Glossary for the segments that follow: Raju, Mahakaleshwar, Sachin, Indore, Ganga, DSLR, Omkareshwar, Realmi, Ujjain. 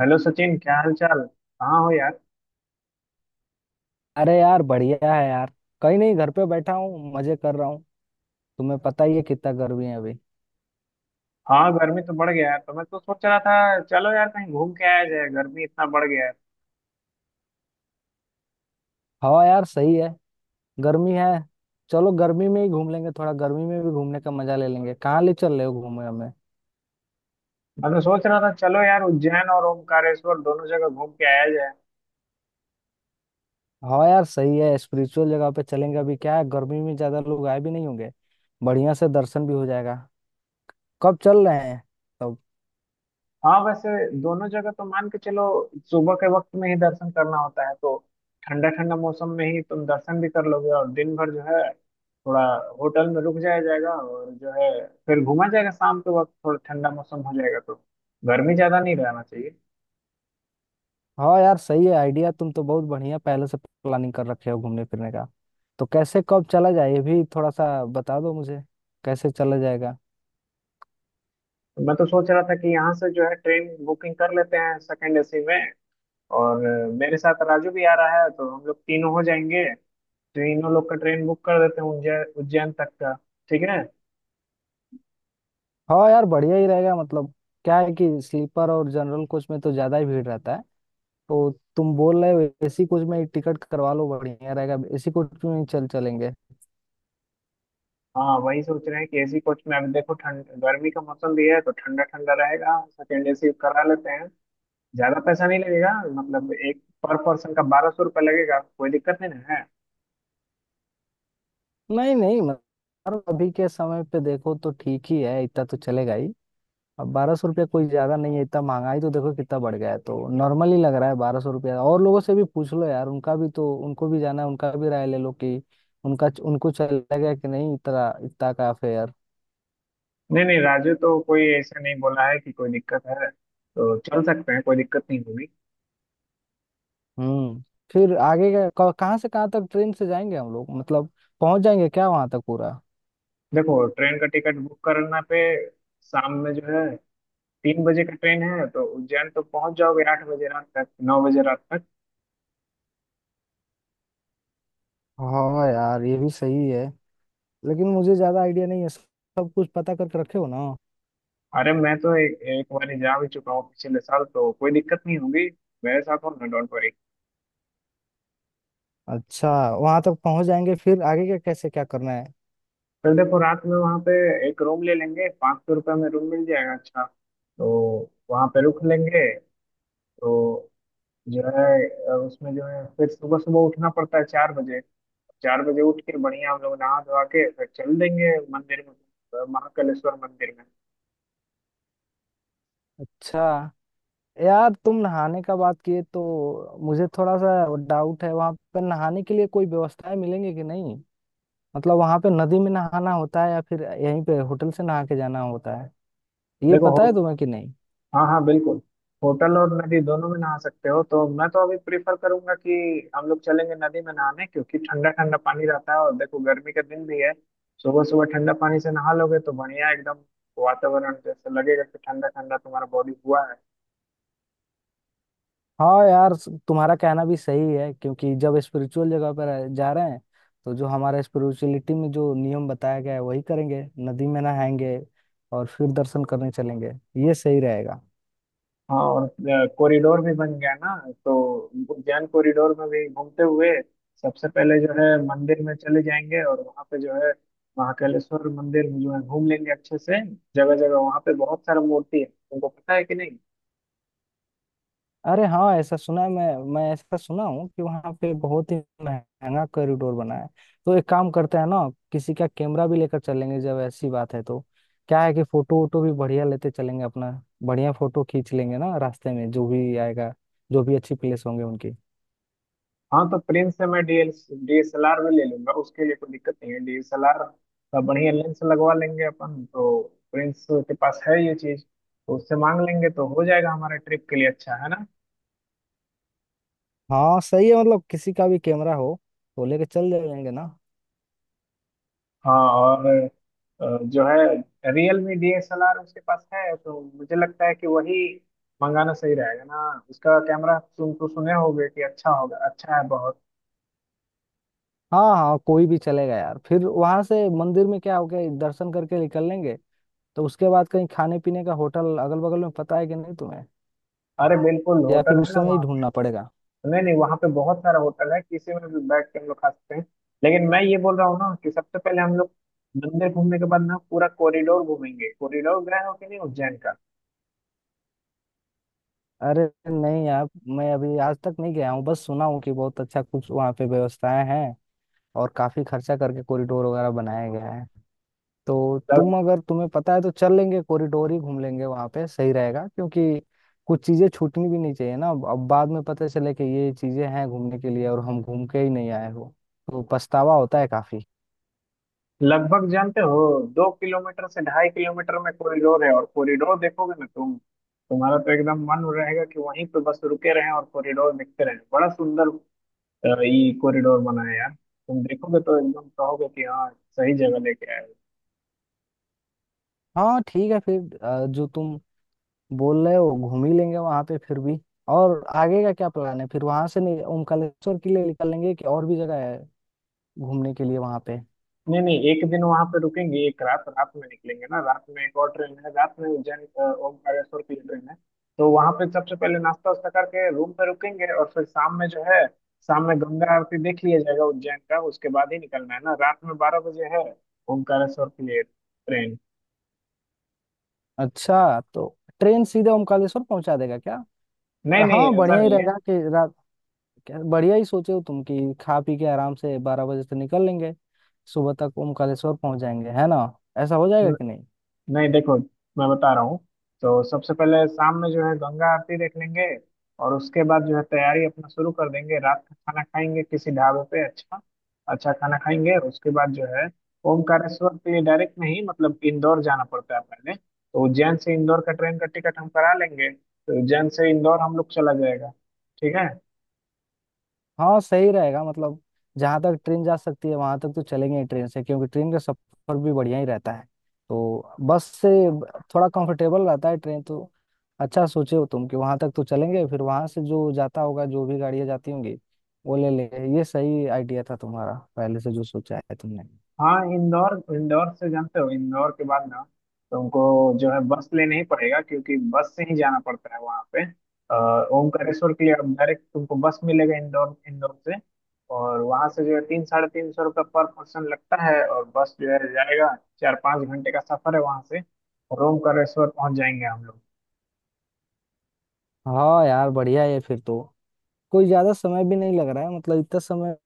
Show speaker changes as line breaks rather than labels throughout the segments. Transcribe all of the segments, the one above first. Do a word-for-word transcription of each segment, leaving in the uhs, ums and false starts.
Hello Sachin, क्या हाल चाल। कहाँ हो यार।
अरे यार, बढ़िया है यार। कहीं नहीं, घर पे बैठा हूँ, मजे कर रहा हूँ। तुम्हें पता ही है कितना गर्मी है अभी।
हाँ, गर्मी तो बढ़ गया है, तो मैं तो सोच रहा था चलो यार कहीं घूम के आया जाए, गर्मी इतना बढ़ गया है।
हवा यार सही है। गर्मी है। चलो गर्मी में ही घूम लेंगे, थोड़ा गर्मी में भी घूमने का मजा ले लेंगे। कहाँ ले चल रहे हो घूमने हमें?
मैं तो सोच रहा था चलो यार उज्जैन और ओमकारेश्वर दोनों जगह घूम के आया जाए।
हवा यार सही है, स्पिरिचुअल जगह पे चलेंगे। अभी क्या है, गर्मी में ज्यादा लोग आए भी नहीं होंगे। बढ़िया से दर्शन भी हो जाएगा। कब चल रहे हैं तब?
हाँ वैसे, दोनों जगह तो मान के चलो। सुबह के वक्त में ही दर्शन करना होता है, तो ठंडा ठंडा मौसम में ही तुम दर्शन भी कर लोगे और दिन भर जो है थोड़ा होटल में रुक जाया जाएगा और जो है फिर घूमा जाएगा। शाम के वक्त थोड़ा ठंडा मौसम हो जाएगा तो गर्मी ज्यादा नहीं रहना चाहिए।
हाँ यार सही है आइडिया, तुम तो बहुत बढ़िया पहले से प्लानिंग कर रखे हो घूमने फिरने का। तो कैसे, कब चला जाए, ये भी थोड़ा सा बता दो मुझे, कैसे चला जाएगा।
मैं तो सोच रहा था कि यहाँ से जो है ट्रेन बुकिंग कर लेते हैं सेकंड एसी में। और अ, मेरे साथ राजू भी आ रहा है तो हम लोग तीनों हो जाएंगे। तीनों लोग का ट्रेन बुक कर देते हैं उज्जैन उज्जैन तक का। ठीक है।
हाँ यार बढ़िया ही रहेगा। मतलब क्या है कि स्लीपर और जनरल कोच में तो ज्यादा ही भीड़ रहता है, तो तुम बोल रहे हो एसी कोच में ही टिकट करवा लो, बढ़िया रहेगा, एसी कोच में ही चल चलेंगे।
हाँ वही सोच रहे हैं कि एसी कोच में, अभी देखो ठंड गर्मी का मौसम भी है तो ठंडा ठंडा रहेगा, सेकंड एसी करा लेते हैं, ज्यादा पैसा नहीं लगेगा। मतलब एक पर पर्सन का बारह सौ रुपये लगेगा, कोई दिक्कत नहीं ना है।
नहीं नहीं, मतलब यार, अभी के समय पे देखो तो ठीक ही है, इतना तो चलेगा ही। अब बारह सौ रुपया कोई ज्यादा नहीं है, इतना महंगाई तो देखो कितना बढ़ गया है, तो नॉर्मल ही लग रहा है बारह सौ रुपया। और लोगों से भी पूछ लो यार, उनका भी तो, उनको भी जाना है, उनको भी राय ले लो कि उनका उनको चलेगा कि नहीं इतना इतना का फेयर।
नहीं नहीं, राजू तो कोई ऐसा नहीं बोला है कि कोई दिक्कत है, तो चल सकते हैं, कोई दिक्कत नहीं होगी।
हम्म। फिर आगे का क- कहाँ से कहाँ तक ट्रेन से जाएंगे हम लोग? मतलब पहुंच जाएंगे क्या वहां तक पूरा?
देखो, ट्रेन का टिकट बुक करना पे शाम में जो है तीन बजे का ट्रेन है, तो उज्जैन तो पहुंच जाओगे आठ बजे रात तक, नौ बजे रात तक।
हाँ यार ये भी सही है, लेकिन मुझे ज्यादा आइडिया नहीं है, सब कुछ पता करके रखे हो ना।
अरे मैं तो ए, एक बार ही जा भी चुका हूँ पिछले साल, तो कोई दिक्कत नहीं होगी, मेरे साथ हो ना, डोंट वरी।
अच्छा, वहां तक पहुंच जाएंगे, फिर आगे का कैसे क्या करना है?
फिर देखो रात में वहाँ पे एक रूम ले लेंगे, पाँच सौ रुपये में रूम मिल जाएगा अच्छा, तो वहाँ पे रुक लेंगे। तो जो है अ, उसमें जो है फिर सुबह सुबह उठना पड़ता है चार बजे। चार बजे उठ के बढ़िया हम लोग नहा धोवा के फिर चल देंगे मंदिर में, अ, महाकालेश्वर मंदिर में।
अच्छा यार, तुम नहाने का बात किए तो मुझे थोड़ा सा डाउट है, वहां पर नहाने के लिए कोई व्यवस्थाएं मिलेंगी कि नहीं? मतलब वहां पे नदी में नहाना होता है या फिर यहीं पे होटल से नहा के जाना होता है, ये
देखो
पता है
हो,
तुम्हें कि नहीं?
हाँ हाँ बिल्कुल, होटल और नदी दोनों में नहा सकते हो। तो मैं तो अभी प्रेफर करूंगा कि हम लोग चलेंगे नदी में नहाने, क्योंकि ठंडा ठंडा पानी रहता है और देखो गर्मी का दिन भी है। सुबह सुबह ठंडा पानी से नहा लोगे तो बढ़िया, एकदम वातावरण जैसे लगेगा कि ठंडा ठंडा तुम्हारा बॉडी हुआ है।
हाँ यार, स- तुम्हारा कहना भी सही है, क्योंकि जब स्पिरिचुअल जगह पर आ- जा रहे हैं तो जो हमारा स्पिरिचुअलिटी में जो नियम बताया गया है वही करेंगे। नदी में नहाएंगे और फिर दर्शन करने चलेंगे, ये सही रहेगा।
हाँ और कॉरिडोर भी बन गया ना, तो उद्यान कॉरिडोर में भी घूमते हुए सबसे पहले जो है मंदिर में चले जाएंगे और वहाँ पे जो है महाकालेश्वर मंदिर में जो है घूम लेंगे अच्छे से। जगह जगह वहाँ पे बहुत सारा मूर्ति है, तुमको पता है कि नहीं।
अरे हाँ, ऐसा सुना है, मैं मैं ऐसा सुना हूँ कि वहाँ पे बहुत ही महंगा कॉरिडोर बना है। तो एक काम करते हैं ना, किसी का कैमरा भी लेकर चलेंगे जब ऐसी बात है तो। क्या है कि फोटो वोटो भी बढ़िया लेते चलेंगे अपना, बढ़िया फोटो खींच लेंगे ना, रास्ते में जो भी आएगा, जो भी अच्छी प्लेस होंगे उनकी।
हाँ तो प्रिंस से मैं DL D S L R में ले लूंगा, उसके लिए कोई दिक्कत नहीं है। डी एस एल आर का बढ़िया लेंस लगवा लेंगे अपन तो। प्रिंस के पास है ये चीज, तो उससे मांग लेंगे, तो हो जाएगा हमारे ट्रिप के लिए अच्छा है ना।
हाँ सही है, मतलब किसी का भी कैमरा हो तो लेके चल जाएंगे ना।
हाँ और अ, जो है Realme D S L R उसके पास है, तो मुझे लगता है कि वही मंगाना सही रहेगा ना। उसका कैमरा तुम तो सुने होगे कि अच्छा होगा, अच्छा है बहुत।
हाँ हाँ, कोई भी चलेगा यार। फिर वहां से मंदिर में क्या हो गया, दर्शन करके निकल लेंगे तो उसके बाद कहीं खाने पीने का होटल अगल बगल में पता है कि नहीं तुम्हें,
अरे बिल्कुल
या फिर
होटल है
उस
ना
समय ही
वहाँ
ढूंढना
पे।
पड़ेगा?
नहीं नहीं, वहाँ पे बहुत सारा होटल है, किसी में भी बैठ के हम लोग खा सकते हैं। लेकिन मैं ये बोल रहा हूँ ना कि सबसे पहले हम लोग मंदिर घूमने के बाद ना पूरा कॉरिडोर घूमेंगे। कॉरिडोर गए हो कि नहीं उज्जैन
अरे नहीं यार, मैं अभी आज तक नहीं गया हूँ, बस सुना हूँ कि बहुत अच्छा कुछ वहाँ पे व्यवस्थाएं हैं और काफी खर्चा करके कॉरिडोर वगैरह बनाया गया है। तो
का।
तुम, अगर तुम्हें पता है तो चल लेंगे, कॉरिडोर ही घूम लेंगे वहां पे, सही रहेगा। क्योंकि कुछ चीजें छूटनी भी नहीं चाहिए ना। अब अब बाद में पता चले कि ये चीजें हैं घूमने के लिए और हम घूम के ही नहीं आए हो, तो पछतावा होता है काफी।
लगभग जानते हो, दो किलोमीटर से ढाई किलोमीटर में कॉरिडोर है, और कॉरिडोर देखोगे ना तुम, तुम्हारा तो एकदम मन रहेगा कि वहीं पे बस रुके रहें और कॉरिडोर देखते रहें, बड़ा सुंदर अ, ये कॉरिडोर बना है यार। तुम देखोगे तो एकदम कहोगे कि हाँ सही जगह लेके आए।
हाँ ठीक है, फिर अ, जो तुम बोल रहे हो घूम ही लेंगे वहां पे फिर भी। और आगे का क्या प्लान है, फिर वहां से नहीं ओमकालेश्वर के लिए निकल लेंगे कि और भी जगह है घूमने के लिए वहां पे?
नहीं नहीं, एक दिन वहां पे रुकेंगे, एक रात रात में निकलेंगे ना। रात में एक और ट्रेन है रात में, उज्जैन अ, ओमकारेश्वर की ट्रेन है। तो वहां पे सबसे पहले नाश्ता वास्ता करके रूम पे रुकेंगे और फिर शाम में जो है, शाम में गंगा आरती देख लिया जाएगा उज्जैन का, उसके बाद ही निकलना है ना। रात में बारह बजे है ओमकारेश्वर के लिए ट्रेन।
अच्छा, तो ट्रेन सीधे ओमकालेश्वर पहुंचा देगा क्या?
नहीं नहीं,
हाँ
ऐसा
बढ़िया ही
नहीं है।
रहेगा कि रा- क्या बढ़िया ही सोचे हो तुम, कि खा पी के आराम से बारह बजे से निकल लेंगे, सुबह तक ओमकालेश्वर पहुंच जाएंगे, है ना? ऐसा हो जाएगा कि नहीं?
नहीं देखो, मैं बता रहा हूँ। तो सबसे पहले शाम में जो है गंगा आरती देख लेंगे, और उसके बाद जो है तैयारी अपना शुरू कर देंगे, रात का खाना खाएंगे किसी ढाबे पे अच्छा अच्छा खाना खाएंगे। उसके बाद जो है ओमकारेश्वर के लिए डायरेक्ट नहीं, मतलब इंदौर जाना पड़ता है पहले। तो उज्जैन से इंदौर का ट्रेन का टिकट हम करा लेंगे, तो उज्जैन से इंदौर हम लोग चला जाएगा, ठीक है।
हाँ सही रहेगा, मतलब जहां तक ट्रेन जा सकती है वहां तक तो चलेंगे ही ट्रेन से, क्योंकि ट्रेन का सफर भी बढ़िया ही रहता है। तो बस से ब- थोड़ा कंफर्टेबल रहता है ट्रेन तो। अच्छा सोचे हो तुम कि वहां तक तो चलेंगे, फिर वहां से जो जाता होगा, जो भी गाड़ियां जाती होंगी वो ले लेंगे। ये सही आइडिया था तुम्हारा पहले से जो सोचा है तुमने।
हाँ, इंदौर इंदौर से जानते हो, इंदौर के बाद ना तुमको जो है बस लेना ही पड़ेगा, क्योंकि बस से ही जाना पड़ता है वहाँ पे अ, ओमकारेश्वर के लिए। अब डायरेक्ट तुमको बस मिलेगा इंदौर इंदौर से, और वहाँ से जो है तीन साढ़े तीन सौ रुपये पर पर्सन लगता है, और बस जो है जाएगा, चार पाँच घंटे का सफर है वहाँ से, और ओमकारेश्वर पहुँच जाएंगे हम लोग।
हाँ यार बढ़िया है फिर तो। कोई ज्यादा समय भी नहीं लग रहा है, मतलब इतना समय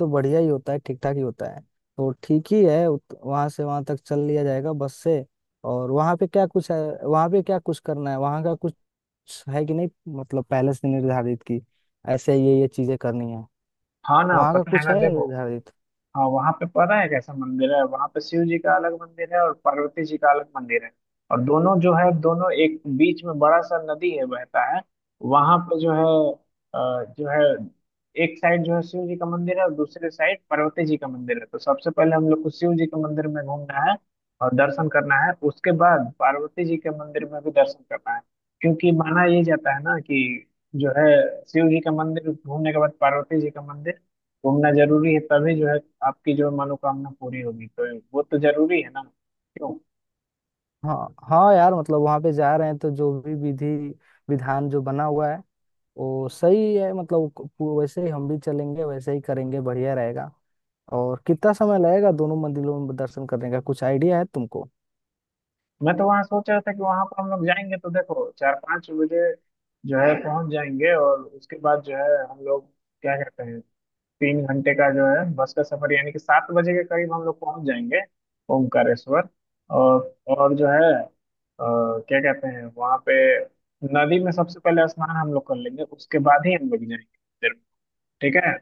तो बढ़िया ही होता है, ठीक ठाक ही होता है। तो ठीक ही है, उत- वहाँ से वहाँ तक चल लिया जाएगा बस से। और वहाँ पे क्या कुछ है? वहाँ पे क्या कुछ करना है, वहाँ का कुछ है कि नहीं? मतलब पहले से निर्धारित की ऐसे ये ये चीजें करनी है,
हाँ ना,
वहाँ का
पता है
कुछ
ना
है
देखो।
निर्धारित?
हाँ वहां पे पता है कैसा मंदिर है, वहां पे शिव जी का अलग मंदिर है और पार्वती जी का अलग मंदिर है। और दोनों जो है, दोनों एक, बीच में बड़ा सा नदी है बहता है, वहां पे जो है अ, जो है एक साइड जो है शिव जी का मंदिर है और दूसरे साइड पार्वती जी का मंदिर है। तो सबसे पहले हम लोग को शिव जी के मंदिर में घूमना है और दर्शन करना है, उसके बाद पार्वती जी के मंदिर में भी दर्शन करना है। क्योंकि माना ये जाता है ना कि जो है शिव जी का मंदिर घूमने के बाद पार्वती जी का मंदिर घूमना जरूरी है, तभी जो है आपकी जो मनोकामना पूरी होगी, तो वो तो जरूरी है ना, क्यों।
हाँ हाँ यार, मतलब वहाँ पे जा रहे हैं तो जो भी विधि विधान जो बना हुआ है वो सही है। मतलब वो- वैसे ही हम भी चलेंगे, वैसे ही करेंगे, बढ़िया रहेगा। और कितना समय लगेगा दोनों मंदिरों में दर्शन करने का, कुछ आइडिया है तुमको?
मैं तो वहां सोच रहा था कि वहां पर हम लोग जाएंगे तो देखो चार पाँच बजे जो है पहुंच जाएंगे, और उसके बाद जो है हम लोग, क्या कहते हैं, तीन घंटे का जो है बस का सफर, यानी कि सात बजे के करीब हम लोग पहुंच जाएंगे ओमकारेश्वर। और और जो है अ, क्या कहते हैं, वहां पे नदी में सबसे पहले स्नान हम लोग कर लेंगे, उसके बाद ही हम लोग जाएंगे मंदिर में, ठीक है।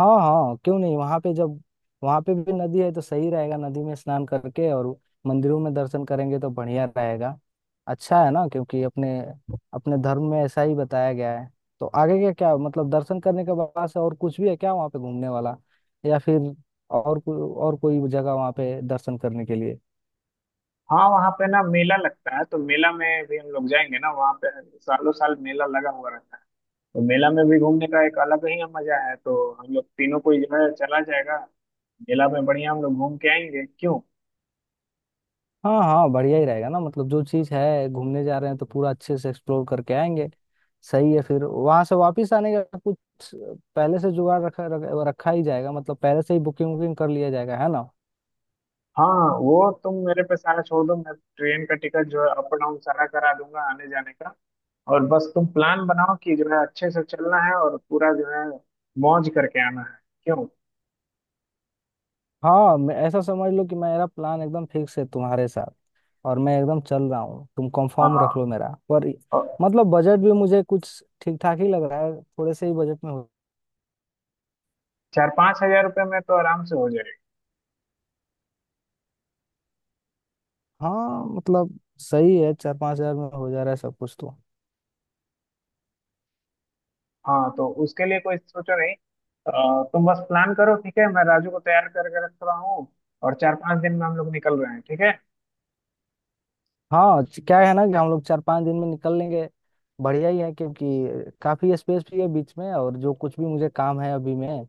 हाँ हाँ, क्यों नहीं। वहां पे जब वहां पे भी नदी है तो सही रहेगा, नदी में स्नान करके और मंदिरों में दर्शन करेंगे तो बढ़िया रहेगा। अच्छा है ना, क्योंकि अपने अपने धर्म में ऐसा ही बताया गया है। तो आगे क्या क्या, मतलब दर्शन करने के बाद से और कुछ भी है क्या वहाँ पे घूमने वाला, या फिर और कोई और कोई जगह वहाँ पे दर्शन करने के लिए?
हाँ वहाँ पे ना मेला लगता है, तो मेला में भी हम लोग जाएंगे ना वहाँ पे, सालों साल मेला लगा हुआ रहता है। तो मेला में भी घूमने का एक अलग ही मजा है, तो हम लोग तीनों को जो है चला जाएगा, मेला में बढ़िया हम लोग घूम के आएंगे, क्यों।
हाँ हाँ, बढ़िया ही रहेगा ना। मतलब जो चीज़ है, घूमने जा रहे हैं तो पूरा अच्छे से एक्सप्लोर करके आएंगे। सही है। फिर वहां से वापस आने का कुछ पहले से जुगाड़ रखा रख- रखा ही जाएगा, मतलब पहले से ही बुकिंग वुकिंग कर लिया जाएगा, है ना?
हाँ वो तुम मेरे पे सारा छोड़ दो, मैं ट्रेन का टिकट जो है अप डाउन सारा करा दूंगा आने जाने का, और बस तुम प्लान बनाओ कि जो है अच्छे से चलना है और पूरा जो है मौज करके आना है, क्यों।
हाँ, मैं, ऐसा समझ लो कि मेरा प्लान एकदम फिक्स है तुम्हारे साथ, और मैं एकदम चल रहा हूँ, तुम
हाँ
कंफर्म रख लो मेरा पर।
और
मतलब बजट भी मुझे कुछ ठीक ठाक ही लग रहा है, थोड़े से ही बजट में हो।
चार पाँच हजार रुपये में तो आराम से हो जाएगा।
हाँ मतलब सही है, चार पाँच हज़ार में हो जा रहा है सब कुछ तो।
हाँ तो उसके लिए कोई सोचो नहीं, अ, तुम बस प्लान करो ठीक है, मैं राजू को तैयार करके रख रहा हूँ, और चार पांच दिन में हम लोग निकल रहे हैं, ठीक है।
हाँ, च- क्या है ना कि हम लोग चार पांच दिन में निकल लेंगे, बढ़िया ही है। क्योंकि काफी स्पेस भी है बीच में, और जो कुछ भी मुझे काम है अभी, मैं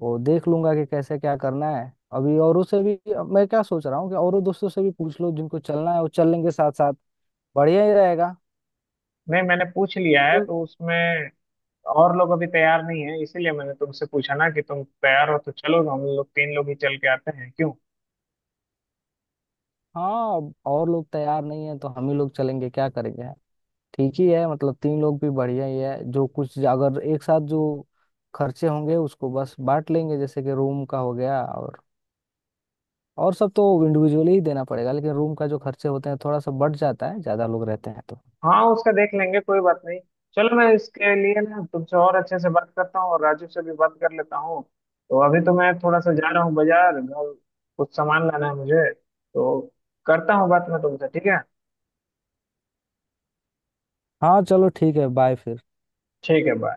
वो देख लूंगा कि कैसे क्या करना है। अभी औरों से भी, अब मैं क्या सोच रहा हूँ कि औरों दोस्तों से भी पूछ लो, जिनको चलना है वो चल लेंगे साथ साथ, बढ़िया ही रहेगा।
नहीं मैंने पूछ लिया है
क्यों-
तो उसमें और लोग अभी तैयार नहीं है, इसीलिए मैंने तुमसे पूछा ना कि तुम तैयार हो तो चलो हम लोग तीन लोग ही चल के आते हैं, क्यों।
हाँ, अब और लोग तैयार नहीं है तो हम ही लोग चलेंगे, क्या करेंगे। ठीक ही है, मतलब तीन लोग भी बढ़िया ही है। जो कुछ अगर एक साथ जो खर्चे होंगे उसको बस बांट लेंगे, जैसे कि रूम का हो गया। और और सब तो इंडिविजुअली ही देना पड़ेगा, लेकिन रूम का जो खर्चे होते हैं, थोड़ा सा बढ़ जाता है ज्यादा लोग रहते हैं तो।
हाँ उसका देख लेंगे, कोई बात नहीं। चलो मैं इसके लिए ना तुमसे और अच्छे से बात करता हूँ और राजू से भी बात कर लेता हूँ। तो अभी तो मैं थोड़ा सा जा रहा हूँ बाजार, घर कुछ सामान लाना है मुझे, तो करता हूँ बात मैं तुमसे, ठीक है।
हाँ चलो ठीक है, बाय फिर।
ठीक है, बाय।